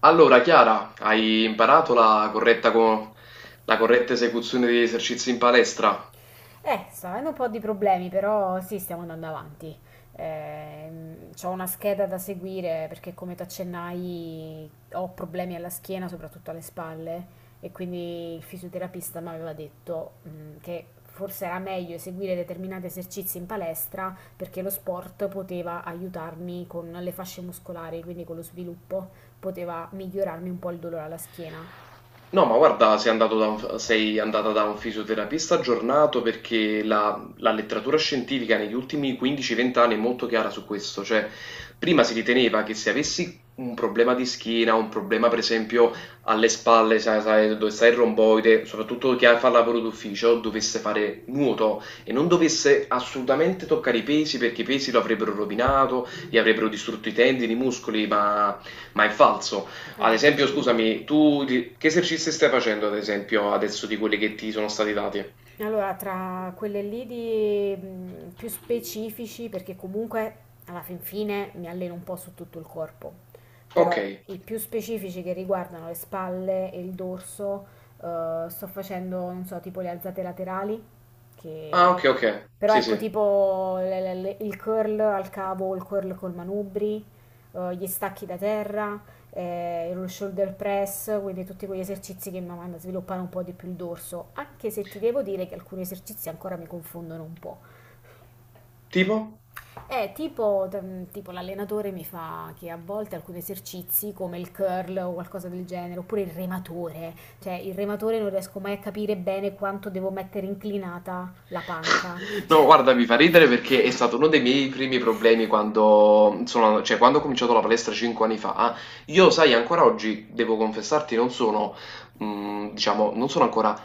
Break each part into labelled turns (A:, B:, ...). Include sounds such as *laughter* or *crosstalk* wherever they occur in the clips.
A: Allora, Chiara, hai imparato la corretta, la corretta esecuzione degli esercizi in palestra?
B: Sto avendo un po' di problemi, però sì, stiamo andando avanti. C'ho una scheda da seguire perché, come ti accennai, ho problemi alla schiena, soprattutto alle spalle, e quindi il fisioterapista mi aveva detto che forse era meglio eseguire determinati esercizi in palestra perché lo sport poteva aiutarmi con le fasce muscolari, quindi con lo sviluppo, poteva migliorarmi un po' il dolore alla schiena.
A: No, ma guarda, sei andata da un fisioterapista aggiornato perché la letteratura scientifica negli ultimi 15-20 anni è molto chiara su questo. Cioè, prima si riteneva che se avessi un problema di schiena, un problema per esempio alle spalle, sai dove sta il romboide, soprattutto chi fa lavoro d'ufficio, dovesse fare nuoto e non dovesse assolutamente toccare i pesi perché i pesi lo avrebbero rovinato, gli avrebbero distrutto i tendini, i muscoli, ma è falso. Ad esempio,
B: Addirittura.
A: scusami, che esercizi stai facendo, ad esempio, adesso di quelli che ti sono stati dati?
B: Allora, tra quelle lì di più specifici, perché comunque alla fin fine mi alleno un po' su tutto il corpo,
A: Ok.
B: però i più specifici che riguardano le spalle e il dorso, sto facendo, non so, tipo le alzate laterali,
A: Ah, ok,
B: che.
A: ok.
B: Però
A: Sì,
B: ecco
A: sì.
B: tipo il curl al cavo o il curl col manubri, gli stacchi da terra, lo shoulder press, quindi tutti quegli esercizi che mi mandano a sviluppare un po' di più il dorso, anche se ti devo dire che alcuni esercizi ancora mi confondono un po'.
A: Tipo?
B: Tipo l'allenatore mi fa che a volte alcuni esercizi come il curl o qualcosa del genere, oppure il rematore, cioè il rematore non riesco mai a capire bene quanto devo mettere inclinata la panca. *laughs*
A: *laughs*
B: Cioè,
A: No, guarda, mi fa ridere perché è stato uno dei miei primi problemi quando, sono, cioè, quando ho cominciato la palestra 5 anni fa. Io, sai, ancora oggi, devo confessarti, non sono, diciamo, non sono ancora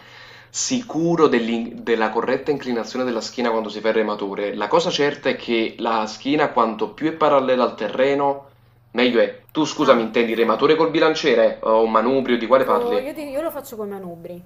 A: sicuro della corretta inclinazione della schiena quando si fa il rematore. La cosa certa è che la schiena, quanto più è parallela al terreno, meglio è. Tu, scusami,
B: ah,
A: intendi rematore col bilanciere o manubrio, di quale
B: ecco, io, ti-
A: parli?
B: io lo faccio con manubri.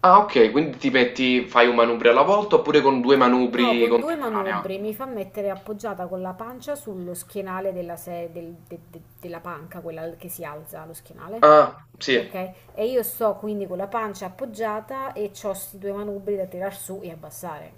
A: Ah ok, quindi ti metti, fai un manubrio alla volta oppure con due
B: No,
A: manubri
B: con due
A: contemporanea?
B: manubri mi fa mettere appoggiata con la pancia sullo schienale della, della panca, quella che si alza, lo schienale.
A: Ah, sì.
B: Okay, e io sto quindi con la pancia appoggiata e c'ho sti due manubri da tirar su e abbassare.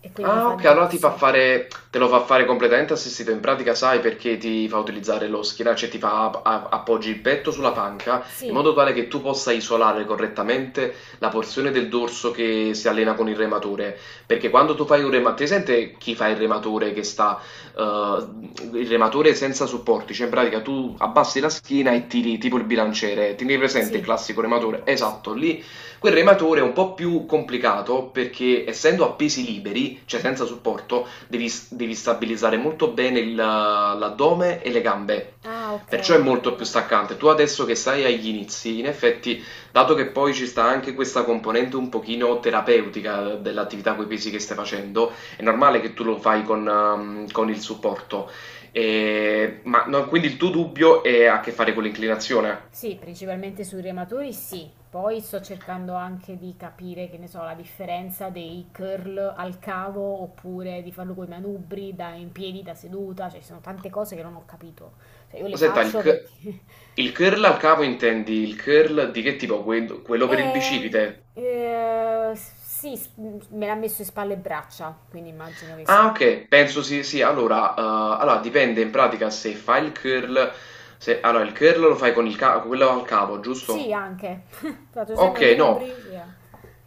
B: E quindi mi
A: Ah
B: fa il
A: ok, allora ti fa
B: dorso.
A: fare, te lo fa fare completamente assistito, in pratica sai perché ti fa utilizzare lo schienaccio e ti fa appoggi il petto sulla panca in
B: Sì,
A: modo tale che tu possa isolare correttamente la porzione del dorso che si allena con il rematore, perché quando tu fai un rematore, ti sente chi fa il rematore che sta, eh, il rematore senza supporti, cioè in pratica tu abbassi la schiena e tiri tipo il bilanciere, tieni presente il
B: sì,
A: classico rematore?
B: sì.
A: Esatto, lì quel rematore è un po' più complicato perché essendo a pesi liberi, cioè senza supporto, devi stabilizzare molto bene l'addome e le gambe.
B: Ah, ok.
A: Perciò è molto più staccante. Tu adesso che stai agli inizi, in effetti, dato che poi ci sta anche questa componente un pochino terapeutica dell'attività con i pesi che stai facendo, è normale che tu lo fai con il supporto. Ma no, quindi il tuo dubbio è a che fare con l'inclinazione?
B: Sì, principalmente sui rematori sì. Poi sto cercando anche di capire, che ne so, la differenza dei curl al cavo oppure di farlo con i manubri, da in piedi, da seduta, cioè ci sono tante cose che non ho capito. Cioè io le
A: Senta,
B: faccio perché.
A: il curl al capo intendi il curl di che tipo? Quello per il
B: Eh,
A: bicipite?
B: sì, me l'ha messo in spalle e braccia, quindi immagino che
A: Ah,
B: sì.
A: ok, penso sì, sì. Allora, allora, dipende in pratica se fai il curl, se, allora il curl lo fai con il quello al capo,
B: Sì,
A: giusto?
B: anche. *laughs* Fatto seme a
A: Okay, no.
B: Nubri, sì.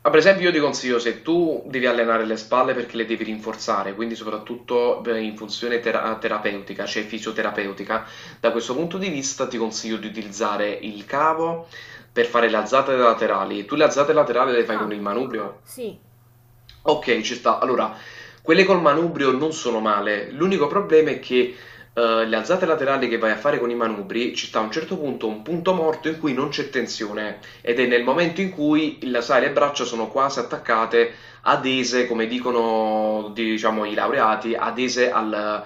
A: Ah, per esempio io ti consiglio se tu devi allenare le spalle perché le devi rinforzare, quindi soprattutto per in funzione terapeutica, cioè fisioterapeutica, da questo punto di vista ti consiglio di utilizzare il cavo per fare le alzate laterali. Tu le alzate laterali le fai con
B: Ah,
A: il manubrio?
B: sì,
A: Okay, ci sta. Allora, quelle col manubrio non sono male. L'unico problema è che, le alzate laterali che vai a fare con i manubri, ci sta a un certo punto un punto morto in cui non c'è tensione ed è nel momento in cui sai, le braccia sono quasi attaccate, adese, come dicono, diciamo, i laureati, adese al,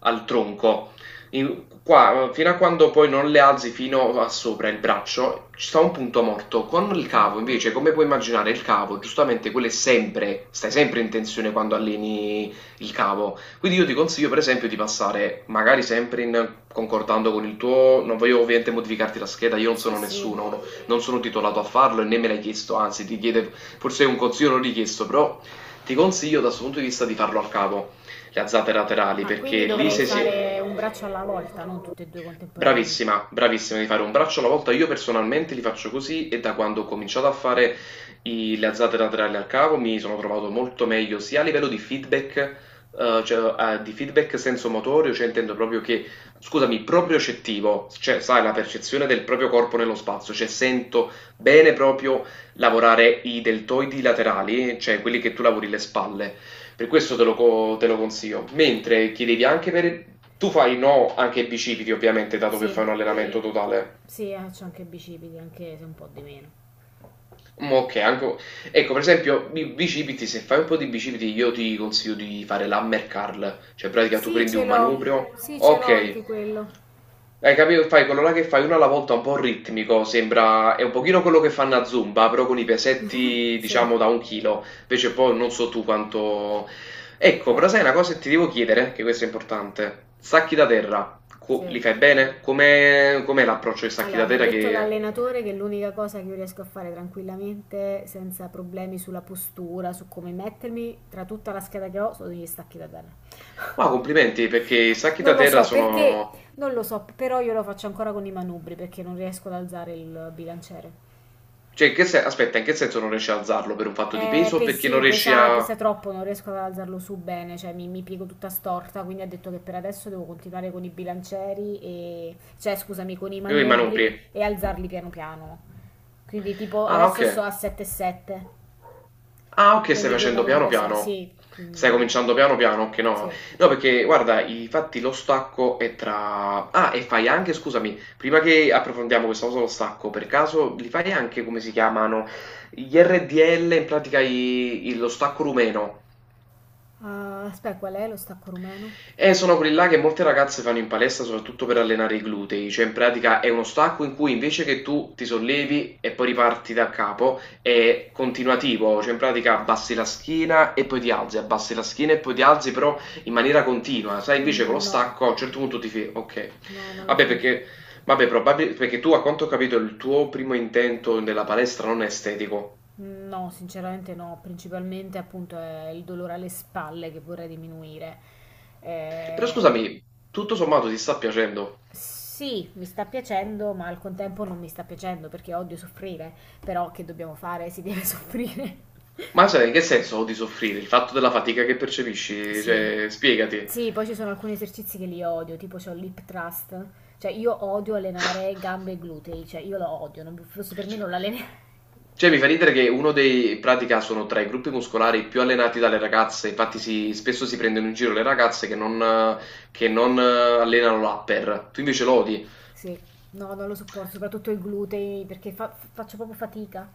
A: al tronco. Qua, fino a quando poi non le alzi fino a sopra il braccio, ci sta un punto morto. Con il
B: ok.
A: cavo, invece, come puoi immaginare, il cavo, giustamente, quello è sempre, stai sempre in tensione quando alleni il cavo. Quindi io ti consiglio, per esempio, di passare, magari sempre in, concordando con il tuo, non voglio ovviamente modificarti la scheda, io non
B: Sì,
A: sono
B: sì.
A: nessuno, non sono titolato a farlo e né me l'hai chiesto, anzi ti chiede forse un consiglio non richiesto, però ti consiglio da questo punto di vista di farlo al capo, le azzate laterali,
B: Ma quindi
A: perché lì
B: dovrei
A: sei,
B: fare un braccio alla volta, non tutti e due contemporaneamente.
A: bravissima, bravissima, devi fare un braccio alla volta. Io personalmente li faccio così e da quando ho cominciato a fare le alzate laterali al cavo mi sono trovato molto meglio sia a livello di feedback, di feedback senso motorio, cioè intendo proprio che, scusami, propriocettivo, cioè sai, la percezione del proprio corpo nello spazio, cioè sento bene proprio lavorare i deltoidi laterali, cioè quelli che tu lavori le spalle. Per questo te lo consiglio. Mentre chiedevi anche per... Tu fai no anche ai bicipiti, ovviamente, dato che fai
B: Sì,
A: un allenamento sì, totale.
B: sì, c'ho anche i bicipiti, anche se un po' di meno.
A: Mm, ok, anche... Ecco, per esempio, i bicipiti, se fai un po' di bicipiti, io ti consiglio di fare l'hammer curl. Cioè, in pratica, tu
B: Sì,
A: prendi
B: ce
A: un
B: l'ho.
A: manubrio.
B: Sì, ce l'ho anche
A: Ok,
B: quello.
A: hai capito? Fai quello là che fai uno alla volta un po' ritmico, sembra, è un pochino quello che fanno a Zumba, però con i pesetti,
B: Sì.
A: diciamo, da un chilo. Invece poi non so tu quanto... Ecco, però
B: Eh,
A: sai una cosa che ti devo chiedere, che questo è importante. Sacchi da terra,
B: sì.
A: li fai bene? Com'è l'approccio ai sacchi da
B: Allora, mi ha
A: terra
B: detto
A: che...
B: l'allenatore che l'unica cosa che io riesco a fare tranquillamente, senza problemi sulla postura, su come mettermi, tra tutta la scheda che ho, sono gli stacchi da terra. *laughs*
A: Wow, complimenti, perché i sacchi
B: Non
A: da
B: lo
A: terra
B: so perché,
A: sono...
B: non lo so, però io lo faccio ancora con i manubri perché non riesco ad alzare il bilanciere.
A: Cioè, in che se- aspetta, in che senso non riesci a alzarlo? Per un fatto di peso o perché non
B: Sì,
A: riesci
B: pesa,
A: a...
B: pesa troppo, non riesco ad alzarlo su bene, cioè mi piego tutta storta, quindi ha detto che per adesso devo continuare con i bilancieri e, cioè scusami, con i
A: Io i manubri.
B: manubri e alzarli piano piano. Quindi tipo
A: Ah,
B: adesso sto
A: ok.
B: a 7,7,
A: Ah, ok, stai
B: quindi due
A: facendo
B: manubri
A: piano
B: da 6.
A: piano.
B: Sì.
A: Stai
B: Mm,
A: cominciando piano piano, ok, no.
B: sì.
A: No, perché guarda, infatti lo stacco è tra... Ah, e fai anche, scusami, prima che approfondiamo questa cosa dello stacco, per caso li fai anche come si chiamano? Gli RDL, in pratica lo stacco rumeno.
B: Ah, aspetta, qual è lo stacco rumeno?
A: Sono quelli là che molte ragazze fanno in palestra soprattutto per allenare i glutei, cioè in pratica è uno stacco in cui invece che tu ti sollevi e poi riparti da capo, è continuativo, cioè in pratica abbassi la schiena e poi ti alzi, abbassi la schiena e poi ti alzi, però in maniera continua. Sai, invece con lo
B: Mm, no,
A: stacco a un certo punto ti fai, ok,
B: no, non lo
A: vabbè
B: faccio.
A: perché, vabbè, perché tu a quanto ho capito il tuo primo intento nella palestra non è estetico,
B: Mm, no, sinceramente no, principalmente appunto è il dolore alle spalle che vorrei diminuire.
A: però
B: Eh,
A: scusami, tutto sommato ti sta piacendo?
B: sì, mi sta piacendo, ma al contempo non mi sta piacendo perché odio soffrire, però che dobbiamo fare? Si deve soffrire. *laughs*
A: Ma cioè, in che senso odi soffrire? Il fatto della fatica che percepisci?
B: Sì.
A: Cioè, spiegati. *laughs*
B: Sì, poi ci sono alcuni esercizi che li odio, tipo c'ho l'hip thrust, cioè io odio allenare gambe e glutei, cioè io lo odio, non, forse per me
A: Cioè,
B: non l'alleno. *laughs*
A: cioè, mi fa ridere che uno dei, in pratica, sono tra i gruppi muscolari più allenati dalle ragazze, infatti spesso si prendono in giro le ragazze che non allenano l'upper, tu invece lo odi.
B: Sì, no, non lo sopporto, soprattutto il glutei perché fa- faccio proprio fatica.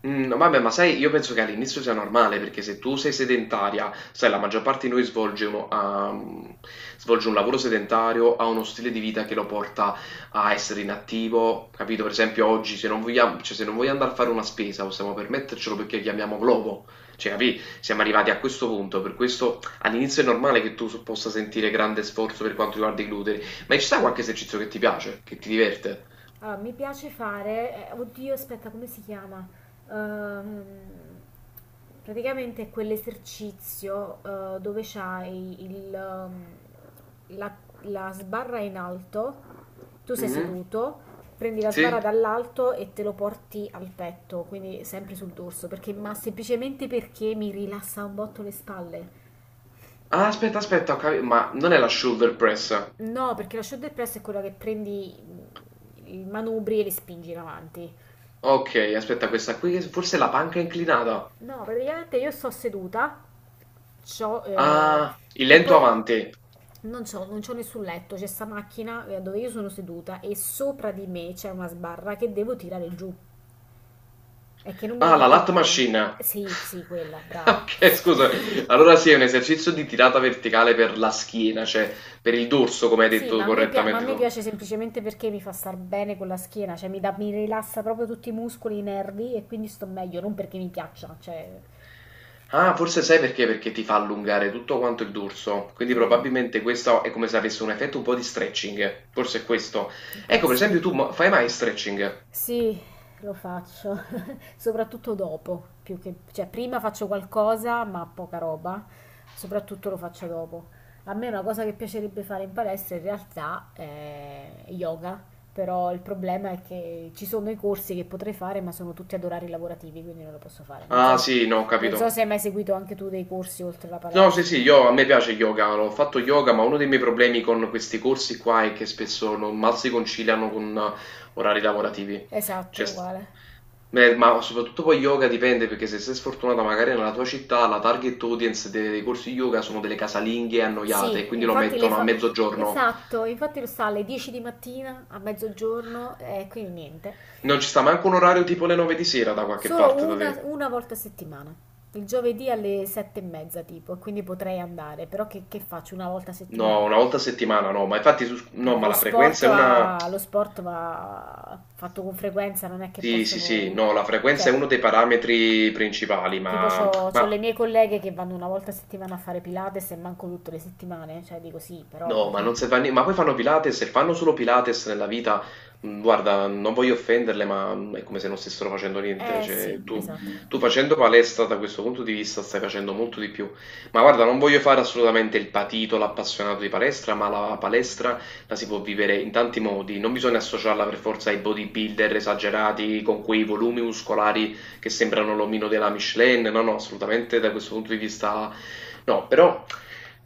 A: Mhmm, vabbè, ma sai, io penso che all'inizio sia normale, perché se tu sei sedentaria, sai la maggior parte di noi svolge uno ha svolge un lavoro sedentario, ha uno stile di vita che lo porta a essere inattivo, capito? Per esempio oggi se non vogliam cioè se non voglio andare a fare una spesa, possiamo permettercelo perché chiamiamo Glovo, cioè capì? Siamo arrivati a questo punto, per questo all'inizio è normale che tu s possa sentire grande sforzo per quanto riguarda i glutei, ma ci sta qualche esercizio che ti piace, che ti diverte?
B: Allora, mi piace fare, oddio, aspetta, come si chiama? Ehm, praticamente è quell'esercizio dove c'hai la, la sbarra in alto, tu sei
A: Mh-mh.
B: seduto, prendi la
A: Sì?
B: sbarra dall'alto e te lo porti al petto, quindi sempre sul dorso, perché, ma semplicemente perché mi rilassa un botto le spalle.
A: Ah, aspetta, ho capito. Ma non è la shoulder press.
B: No, perché la shoulder press è quella che prendi i manubri e li spingi in avanti.
A: Ok, aspetta, questa qui forse è la panca inclinata.
B: No, praticamente io sto seduta, c'ho, eh,
A: Ah, il
B: e
A: lento
B: poi
A: avanti.
B: non c'ho nessun letto, c'è sta macchina dove io sono seduta e sopra di me c'è una sbarra che devo tirare giù. È che non mi
A: Ah, la
B: ricordo i
A: lat
B: nomi.
A: machine. *laughs*
B: Sì, sì, quella, brava.
A: Ok, scusa. Allora sì, è un esercizio di tirata verticale per la schiena, cioè per il dorso, come hai
B: Sì, ma
A: detto
B: a me, pia- ma a
A: correttamente
B: me
A: tu.
B: piace semplicemente perché mi fa star bene con la schiena, cioè mi, dà- mi rilassa proprio tutti i muscoli, i nervi e quindi sto meglio, non perché mi piaccia, cioè,
A: Ah, forse sai perché? Perché ti fa allungare tutto quanto il dorso. Quindi
B: eh,
A: probabilmente questo è come se avesse un effetto un po' di stretching. Forse è questo.
B: può
A: Ecco, per esempio,
B: essere.
A: fai mai stretching?
B: Sì, lo faccio, *laughs* soprattutto dopo, più che, cioè prima faccio qualcosa, ma poca roba, soprattutto lo faccio dopo. A me una cosa che piacerebbe fare in palestra in realtà è yoga, però il problema è che ci sono i corsi che potrei fare, ma sono tutti ad orari lavorativi, quindi non lo posso fare. Non so,
A: Ah, sì, no, ho
B: non so
A: capito.
B: se hai mai seguito anche tu dei corsi oltre la
A: No, sì,
B: palestra.
A: sì, io, a me piace yoga, ho fatto yoga, ma uno dei miei problemi con questi corsi qua è che spesso non mal si conciliano con orari lavorativi.
B: Esatto,
A: Cioè,
B: uguale.
A: beh, ma soprattutto poi yoga dipende, perché se sei sfortunata magari nella tua città la target audience dei corsi yoga sono delle casalinghe annoiate, e
B: Sì,
A: quindi lo
B: infatti le
A: mettono a
B: fa.
A: mezzogiorno.
B: Esatto, infatti lo sta alle 10 di mattina, a mezzogiorno, e quindi niente.
A: Non ci sta manco un orario tipo le 9 di sera da qualche
B: Solo
A: parte da
B: una,
A: te.
B: una volta a settimana, il giovedì alle 7 e mezza tipo, e quindi potrei andare, però che faccio una volta a
A: No,
B: settimana?
A: una volta a settimana no, ma infatti su,
B: No,
A: no, ma la frequenza è una...
B: lo sport va fatto con frequenza, non è che
A: Sì, sì, sì,
B: posso.
A: no, la frequenza è
B: Cioè,
A: uno dei parametri principali,
B: tipo
A: ma,
B: c'ho
A: ma
B: le mie colleghe che vanno una volta a settimana a fare Pilates e manco tutte le settimane, cioè dico sì, però.
A: no, ma non serve a nie ma poi fanno Pilates, se fanno solo Pilates nella vita, mhmm, guarda, non voglio offenderle, ma, mhmm, è come se non stessero facendo niente,
B: Eh
A: cioè
B: sì,
A: tu
B: esatto.
A: tu facendo palestra da questo punto di vista stai facendo molto di più. Ma guarda, non voglio fare assolutamente il patito, l'appassionato di palestra, ma la palestra la si può vivere in tanti modi, non bisogna associarla per forza ai bodybuilder esagerati, con quei volumi muscolari che sembrano l'omino della Michelin, no, no, assolutamente da questo punto di vista no, però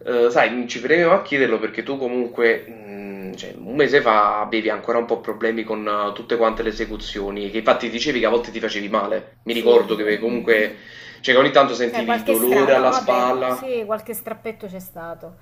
A: sai, ci premeva a chiederlo perché tu comunque, cioè, un mese fa avevi ancora un po' problemi con tutte quante le esecuzioni, che infatti dicevi che a volte ti facevi male. Mi
B: Sì.
A: ricordo che
B: *laughs*
A: comunque, cioè, che ogni tanto
B: Cioè,
A: sentivi il
B: qualche stra.
A: dolore
B: No,
A: alla
B: vabbè,
A: spalla.
B: sì, qualche strappetto c'è stato.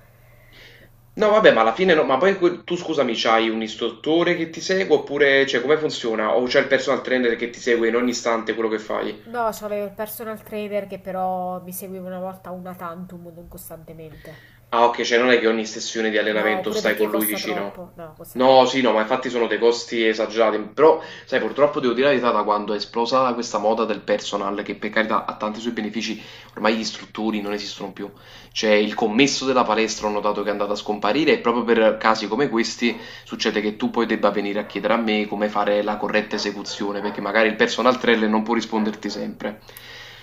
A: No, vabbè, ma alla fine no, ma poi tu scusami, c'hai un istruttore che ti segue oppure, cioè, come funziona? O c'è il personal trainer che ti segue in ogni istante quello che fai?
B: No, c'avevo il personal trainer che però mi seguiva una volta una tantum, non costantemente.
A: Ah ok, cioè non è che ogni sessione di
B: No,
A: allenamento
B: pure
A: stai
B: perché
A: con lui
B: costa
A: vicino.
B: troppo. No, costa
A: No,
B: troppo.
A: sì, no, ma infatti sono dei costi esagerati. Però, sai, purtroppo devo dire la verità, da quando è esplosa questa moda del personal, che per carità ha tanti suoi benefici, ormai gli istruttori non esistono più. Cioè, il commesso della palestra ho notato che è andato a scomparire e proprio per casi come questi succede che tu poi debba venire a chiedere a me come fare la corretta esecuzione, perché magari il personal trainer non può risponderti sempre.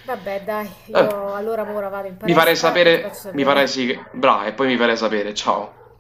B: Vabbè, dai,
A: Vabbè,
B: io allora ora vado in
A: mi farei
B: palestra e ti faccio
A: sapere, mi farei
B: sapere.
A: sì, bravo, e poi mi farei sapere, ciao.